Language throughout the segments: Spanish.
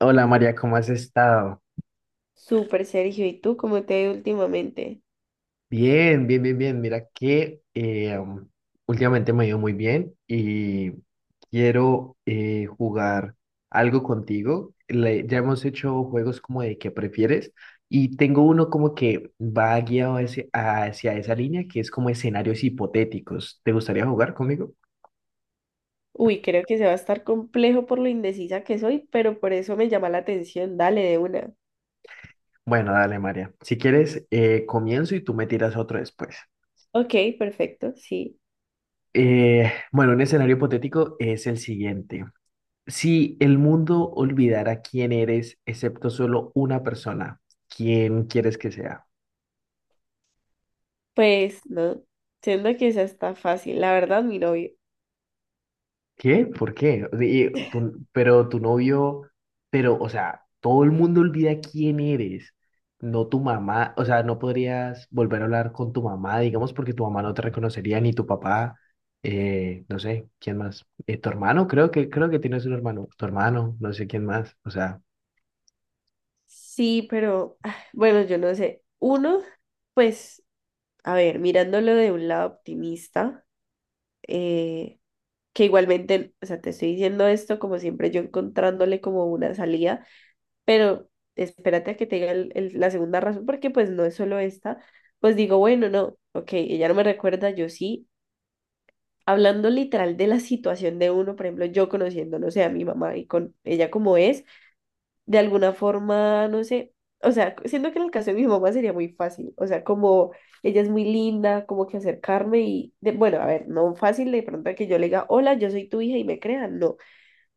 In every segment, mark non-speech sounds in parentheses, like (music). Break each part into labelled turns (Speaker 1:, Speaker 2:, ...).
Speaker 1: Hola María, ¿cómo has estado?
Speaker 2: Súper, Sergio. ¿Y tú cómo te ha ido últimamente?
Speaker 1: Bien. Mira que últimamente me ha ido muy bien y quiero jugar algo contigo. Ya hemos hecho juegos como de qué prefieres y tengo uno como que va guiado hacia esa línea que es como escenarios hipotéticos. ¿Te gustaría jugar conmigo?
Speaker 2: Uy, creo que se va a estar complejo por lo indecisa que soy, pero por eso me llama la atención. Dale de una.
Speaker 1: Bueno, dale María. Si quieres, comienzo y tú me tiras otro después.
Speaker 2: Ok, perfecto, sí.
Speaker 1: Bueno, un escenario hipotético es el siguiente. Si el mundo olvidara quién eres, excepto solo una persona, ¿quién quieres que sea?
Speaker 2: Pues no, siento que esa está fácil. La verdad, mi novio.
Speaker 1: ¿Qué? ¿Por qué? O sea, pero tu novio, pero, o sea, todo el mundo olvida quién eres, no tu mamá, o sea, no podrías volver a hablar con tu mamá, digamos, porque tu mamá no te reconocería, ni tu papá, no sé, ¿quién más? Tu hermano, creo que tienes un hermano, tu hermano, no sé quién más, o sea,
Speaker 2: Sí, pero ah, bueno, yo no sé. Uno, pues, a ver, mirándolo de un lado optimista, eh, que igualmente, o sea, te estoy diciendo esto como siempre, yo encontrándole como una salida. Pero espérate a que te diga la segunda razón, porque pues no es solo esta. Pues digo, bueno, no, ok, ella no me recuerda, yo sí, hablando literal de la situación de uno. Por ejemplo, yo conociendo, no sé, a mi mamá y con ella como es, de alguna forma, no sé, o sea, siento que en el caso de mi mamá sería muy fácil, o sea, como ella es muy linda, como que acercarme y, de- bueno, a ver, no fácil de pronto que yo le diga, hola, yo soy tu hija y me crean, no.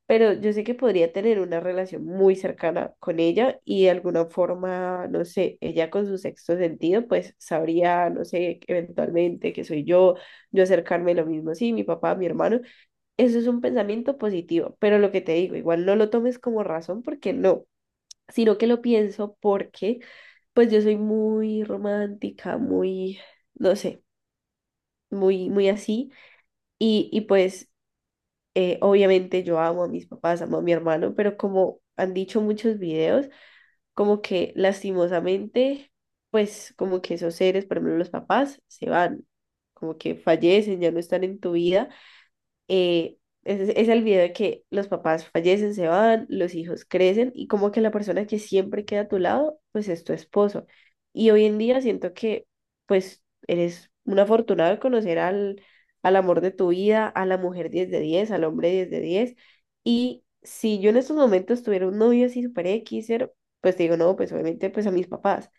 Speaker 2: Pero yo sé que podría tener una relación muy cercana con ella y de alguna forma, no sé, ella con su sexto sentido, pues sabría, no sé, eventualmente que soy yo, yo acercarme lo mismo, sí, mi papá, mi hermano. Eso es un pensamiento positivo, pero lo que te digo, igual no lo tomes como razón porque no, sino que lo pienso porque, pues yo soy muy romántica, muy, no sé, muy, muy así. Y pues obviamente yo amo a mis papás, amo a mi hermano, pero como han dicho muchos videos, como que lastimosamente, pues como que esos seres, por ejemplo los papás, se van, como que fallecen, ya no están en tu vida. eh, es el video de que los papás fallecen, se van, los hijos crecen y como que la persona que siempre queda a tu lado, pues es tu esposo. Y hoy en día siento que pues eres un afortunado de conocer al amor de tu vida, a la mujer 10 de 10, al hombre 10 de 10. Y si yo en estos momentos tuviera un novio así super X, pues te digo, no, pues obviamente pues a mis papás,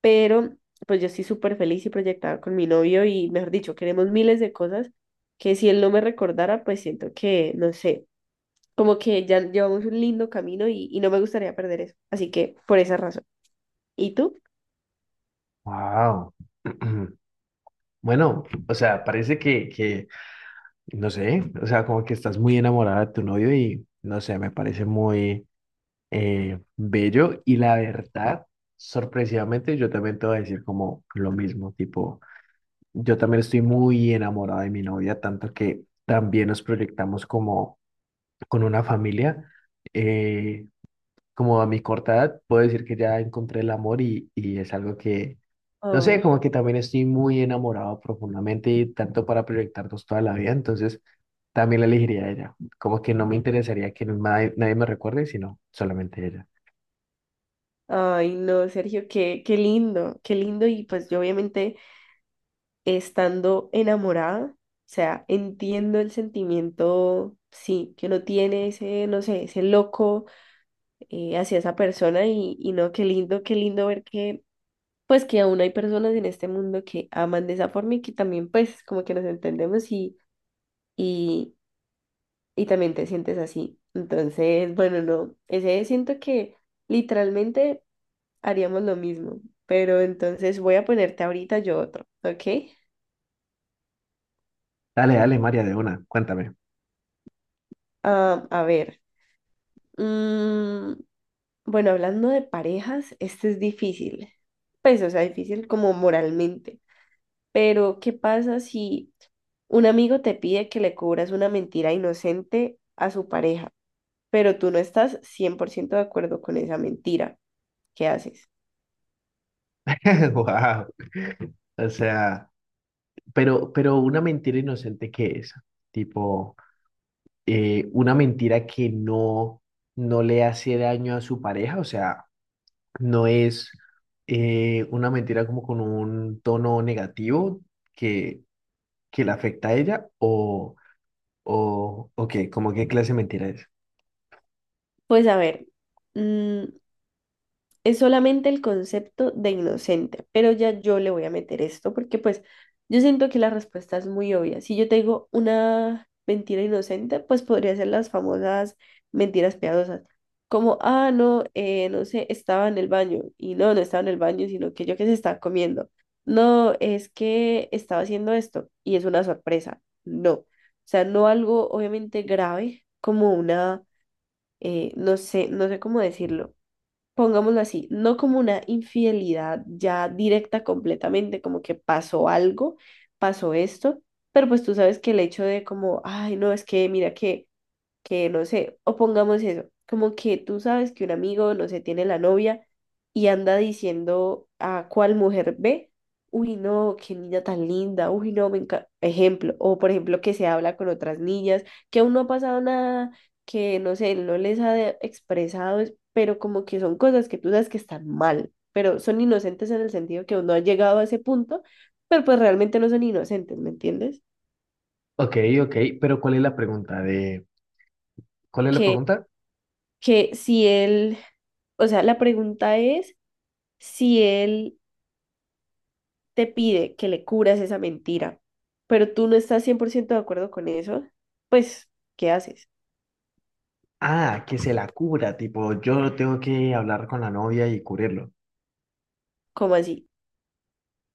Speaker 2: pero pues yo estoy súper feliz y proyectada con mi novio y, mejor dicho, queremos miles de cosas que si él no me recordara, pues siento que, no sé, como que ya llevamos un lindo camino y no me gustaría perder eso. Así que por esa razón. ¿Y tú?
Speaker 1: wow. (clears throat) Bueno, o sea, parece que no sé, o sea, como que estás muy enamorada de tu novio y no sé, me parece muy bello y la verdad, sorpresivamente, yo también te voy a decir como lo mismo, tipo, yo también estoy muy enamorada de mi novia, tanto que también nos proyectamos como con una familia. Eh, Como a mi corta edad, puedo decir que ya encontré el amor y es algo que, no sé,
Speaker 2: Ah,
Speaker 1: como que también estoy muy enamorado profundamente y tanto para proyectarnos toda la vida, entonces también la elegiría a ella. Como que no me interesaría que nadie me recuerde, sino solamente ella.
Speaker 2: ay, no, Sergio, qué, qué lindo, qué lindo. Y pues yo obviamente estando enamorada, o sea, entiendo el sentimiento, sí, que uno tiene ese, no sé, ese loco hacia esa persona y no, qué lindo ver que pues que aún hay personas en este mundo que aman de esa forma y que también pues como que nos entendemos y, y también te sientes así. Entonces, bueno, no, ese siento que literalmente haríamos lo mismo, pero entonces voy a ponerte ahorita yo otro, ¿ok?
Speaker 1: Dale, María, de una, cuéntame.
Speaker 2: Ah, a ver, mm, bueno, hablando de parejas, este es difícil, pues o sea, difícil como moralmente. Pero, ¿qué pasa si un amigo te pide que le cubras una mentira inocente a su pareja, pero tú no estás 100% de acuerdo con esa mentira? ¿Qué haces?
Speaker 1: (laughs) Wow. O sea, pero una mentira inocente que es, tipo, una mentira que no le hace daño a su pareja, o sea no es una mentira como con un tono negativo que, que la afecta a ella o qué, como qué clase de mentira es.
Speaker 2: Pues a ver, mm, es solamente el concepto de inocente, pero ya yo le voy a meter esto porque pues yo siento que la respuesta es muy obvia. Si yo te digo una mentira inocente, pues podría ser las famosas mentiras piadosas, como, ah, no, no sé, estaba en el baño y no, no estaba en el baño, sino que yo que se estaba comiendo. No, es que estaba haciendo esto y es una sorpresa. No, o sea, no algo obviamente grave como una, no sé, no sé cómo decirlo. Pongámoslo así, no como una infidelidad ya directa completamente, como que pasó algo, pasó esto, pero pues tú sabes que el hecho de como, ay, no, es que mira que no sé, o pongamos eso, como que tú sabes que un amigo, no sé, tiene la novia y anda diciendo a cuál mujer ve, uy, no, qué niña tan linda, uy, no, me encanta, ejemplo, o por ejemplo que se habla con otras niñas, que aún no ha pasado nada, que no sé, él no les ha de- expresado, es- pero como que son cosas que tú sabes que están mal, pero son inocentes en el sentido que uno ha llegado a ese punto, pero pues realmente no son inocentes, ¿me entiendes?
Speaker 1: Ok, ok, pero ¿cuál es la
Speaker 2: que
Speaker 1: pregunta?
Speaker 2: que si él, o sea, la pregunta es si él te pide que le curas esa mentira, pero tú no estás 100% de acuerdo con eso, pues, ¿qué haces?
Speaker 1: Ah, que se la cubra, tipo, yo tengo que hablar con la novia y cubrirlo.
Speaker 2: ¿Cómo así?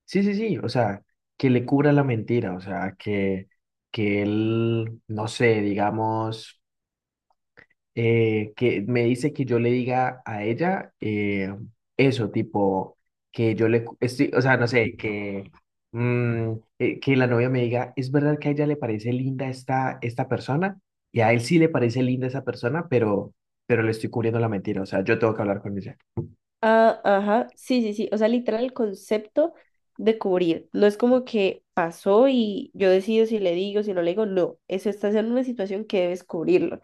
Speaker 1: Sí, sí, sí, o sea, que le cubra la mentira, o sea, que él, no sé, digamos... que me dice que yo le diga a ella eso, tipo, que yo le, cu- estoy, o sea, no sé, que, mm, que la novia me diga, es verdad que a ella le parece linda esta persona, y a él sí le parece linda esa persona, pero le estoy cubriendo la mentira, o sea, yo tengo que hablar con ella.
Speaker 2: Ah, ajá, sí, sí, sí, o sea, literal el concepto de cubrir, no es como que pasó y yo decido si le digo, si no le digo, no, eso estás en una situación que debes cubrirlo.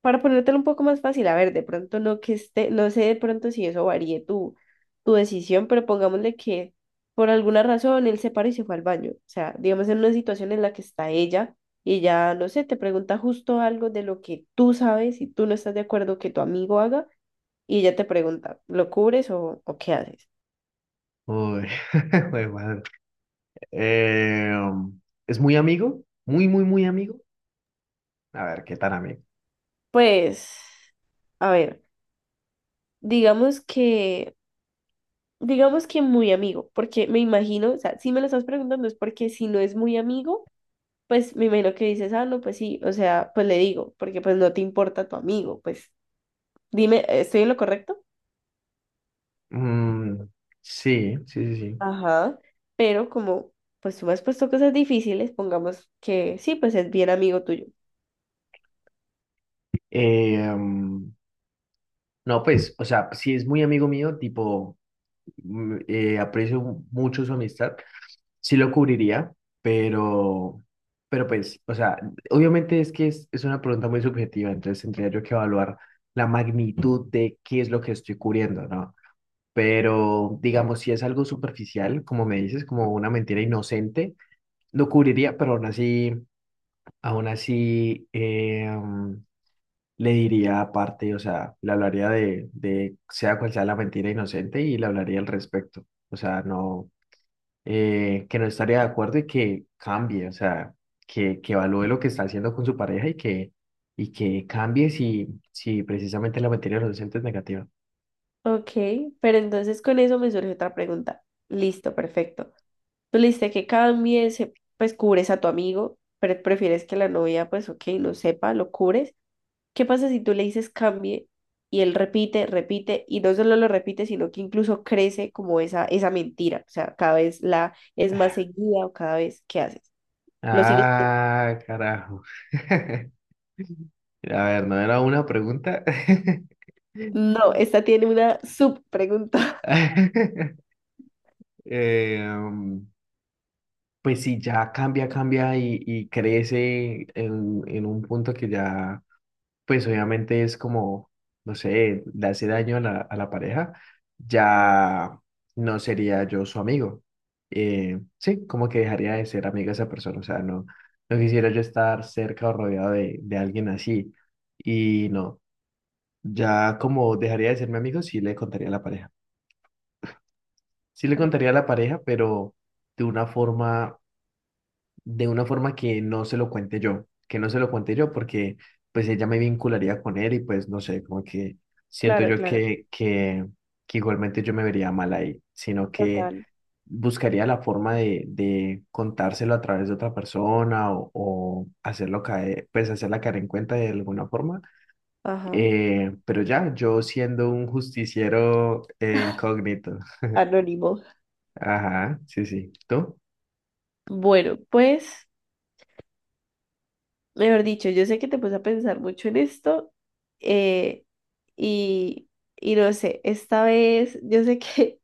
Speaker 2: Para ponértelo un poco más fácil, a ver, de pronto no que esté, no sé de pronto si eso varíe tu decisión, pero pongámosle que por alguna razón él se paró y se fue al baño. O sea, digamos en una situación en la que está ella y ya, no sé, te pregunta justo algo de lo que tú sabes y tú no estás de acuerdo que tu amigo haga y ella te pregunta, ¿lo cubres o qué haces?
Speaker 1: Uy, (laughs) jue madre. Eh, um, es muy amigo, muy amigo. A ver, ¿qué tan amigo?
Speaker 2: Pues, a ver, digamos que, digamos que muy amigo, porque me imagino, o sea, si me lo estás preguntando es porque si no es muy amigo pues me imagino que dices, ah, no, pues sí, o sea, pues le digo, porque pues no te importa tu amigo, pues dime, ¿estoy en lo correcto?
Speaker 1: Mm, sí, sí, sí, sí.
Speaker 2: Ajá, pero como pues tú me has puesto cosas difíciles, pongamos que sí, pues es bien amigo tuyo.
Speaker 1: Eh, um, no, pues, o sea, si es muy amigo mío, tipo, aprecio mucho su amistad, sí lo cubriría, pero, pero pues, o sea, obviamente es una pregunta muy subjetiva, entonces tendría yo que evaluar la magnitud de qué es lo que estoy cubriendo, ¿no? Pero, digamos, si es algo superficial, como me dices, como una mentira inocente, lo cubriría, pero aún así, le diría aparte, o sea, le hablaría de sea cual sea la mentira inocente y le hablaría al respecto. O sea, no, que no estaría de acuerdo y que cambie, o sea, que evalúe lo que está haciendo con su pareja y que cambie si precisamente la mentira inocente es negativa.
Speaker 2: Ok, pero entonces con eso me surge otra pregunta. Listo, perfecto. Tú le diste que cambies, pues cubres a tu amigo, pero prefieres que la novia, pues ok, no sepa, lo cubres. ¿Qué pasa si tú le dices cambie y él repite, repite y no solo lo repite, sino que incluso crece como esa mentira? O sea, cada vez la es más seguida o cada vez que haces. ¿Lo sigues?
Speaker 1: Ah, carajo. (laughs) A ver, no era una pregunta. (laughs)
Speaker 2: No, esta tiene una subpregunta. (laughs)
Speaker 1: (laughs) Eh, mm, pues sí, cambia y crece en un punto que ya, pues obviamente es como, no sé, le hace daño a a la pareja, ya no sería yo su amigo. Sí, como que dejaría de ser amiga de esa persona, o sea, no, no quisiera yo estar cerca o rodeado de alguien así. Y no, ya como dejaría de ser mi amigo, sí le contaría a la pareja. Sí le
Speaker 2: Ok,
Speaker 1: contaría a la pareja, pero de una forma de una forma que no se lo cuente yo, que no se lo cuente yo porque pues ella me vincularía con él y pues no sé, como que siento
Speaker 2: claro,
Speaker 1: yo
Speaker 2: claro.
Speaker 1: que, que, que igualmente yo me vería mal ahí, sino que
Speaker 2: Total.
Speaker 1: buscaría la forma de contárselo a través de otra persona o hacerlo caer, pues hacerla caer en cuenta de alguna forma.
Speaker 2: Ajá.
Speaker 1: Pero ya, yo siendo un justiciero incógnito.
Speaker 2: Anónimo.
Speaker 1: Ajá, sí, sí. ¿Tú?
Speaker 2: Bueno, pues, mejor dicho, yo sé que te puse a pensar mucho en esto, eh, y, y no sé, esta vez yo sé que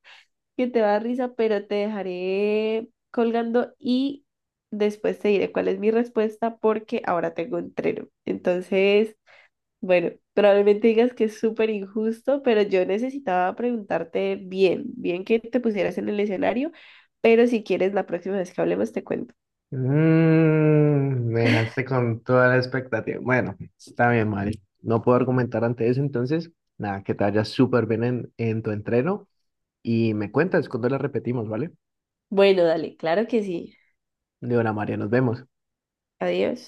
Speaker 2: te va a dar risa, pero te dejaré colgando y después te diré cuál es mi respuesta porque ahora tengo entreno. Entonces, bueno, probablemente digas que es súper injusto, pero yo necesitaba preguntarte bien, bien que te pusieras en el escenario, pero si quieres la próxima vez que hablemos te cuento.
Speaker 1: Me dejaste con toda la expectativa. Bueno, está bien, Mari. No puedo argumentar ante eso, entonces, nada, que te vaya súper bien en tu entreno y me cuentas cuando la repetimos, ¿vale?
Speaker 2: Bueno, dale, claro que sí.
Speaker 1: De hora, María, nos vemos.
Speaker 2: Adiós.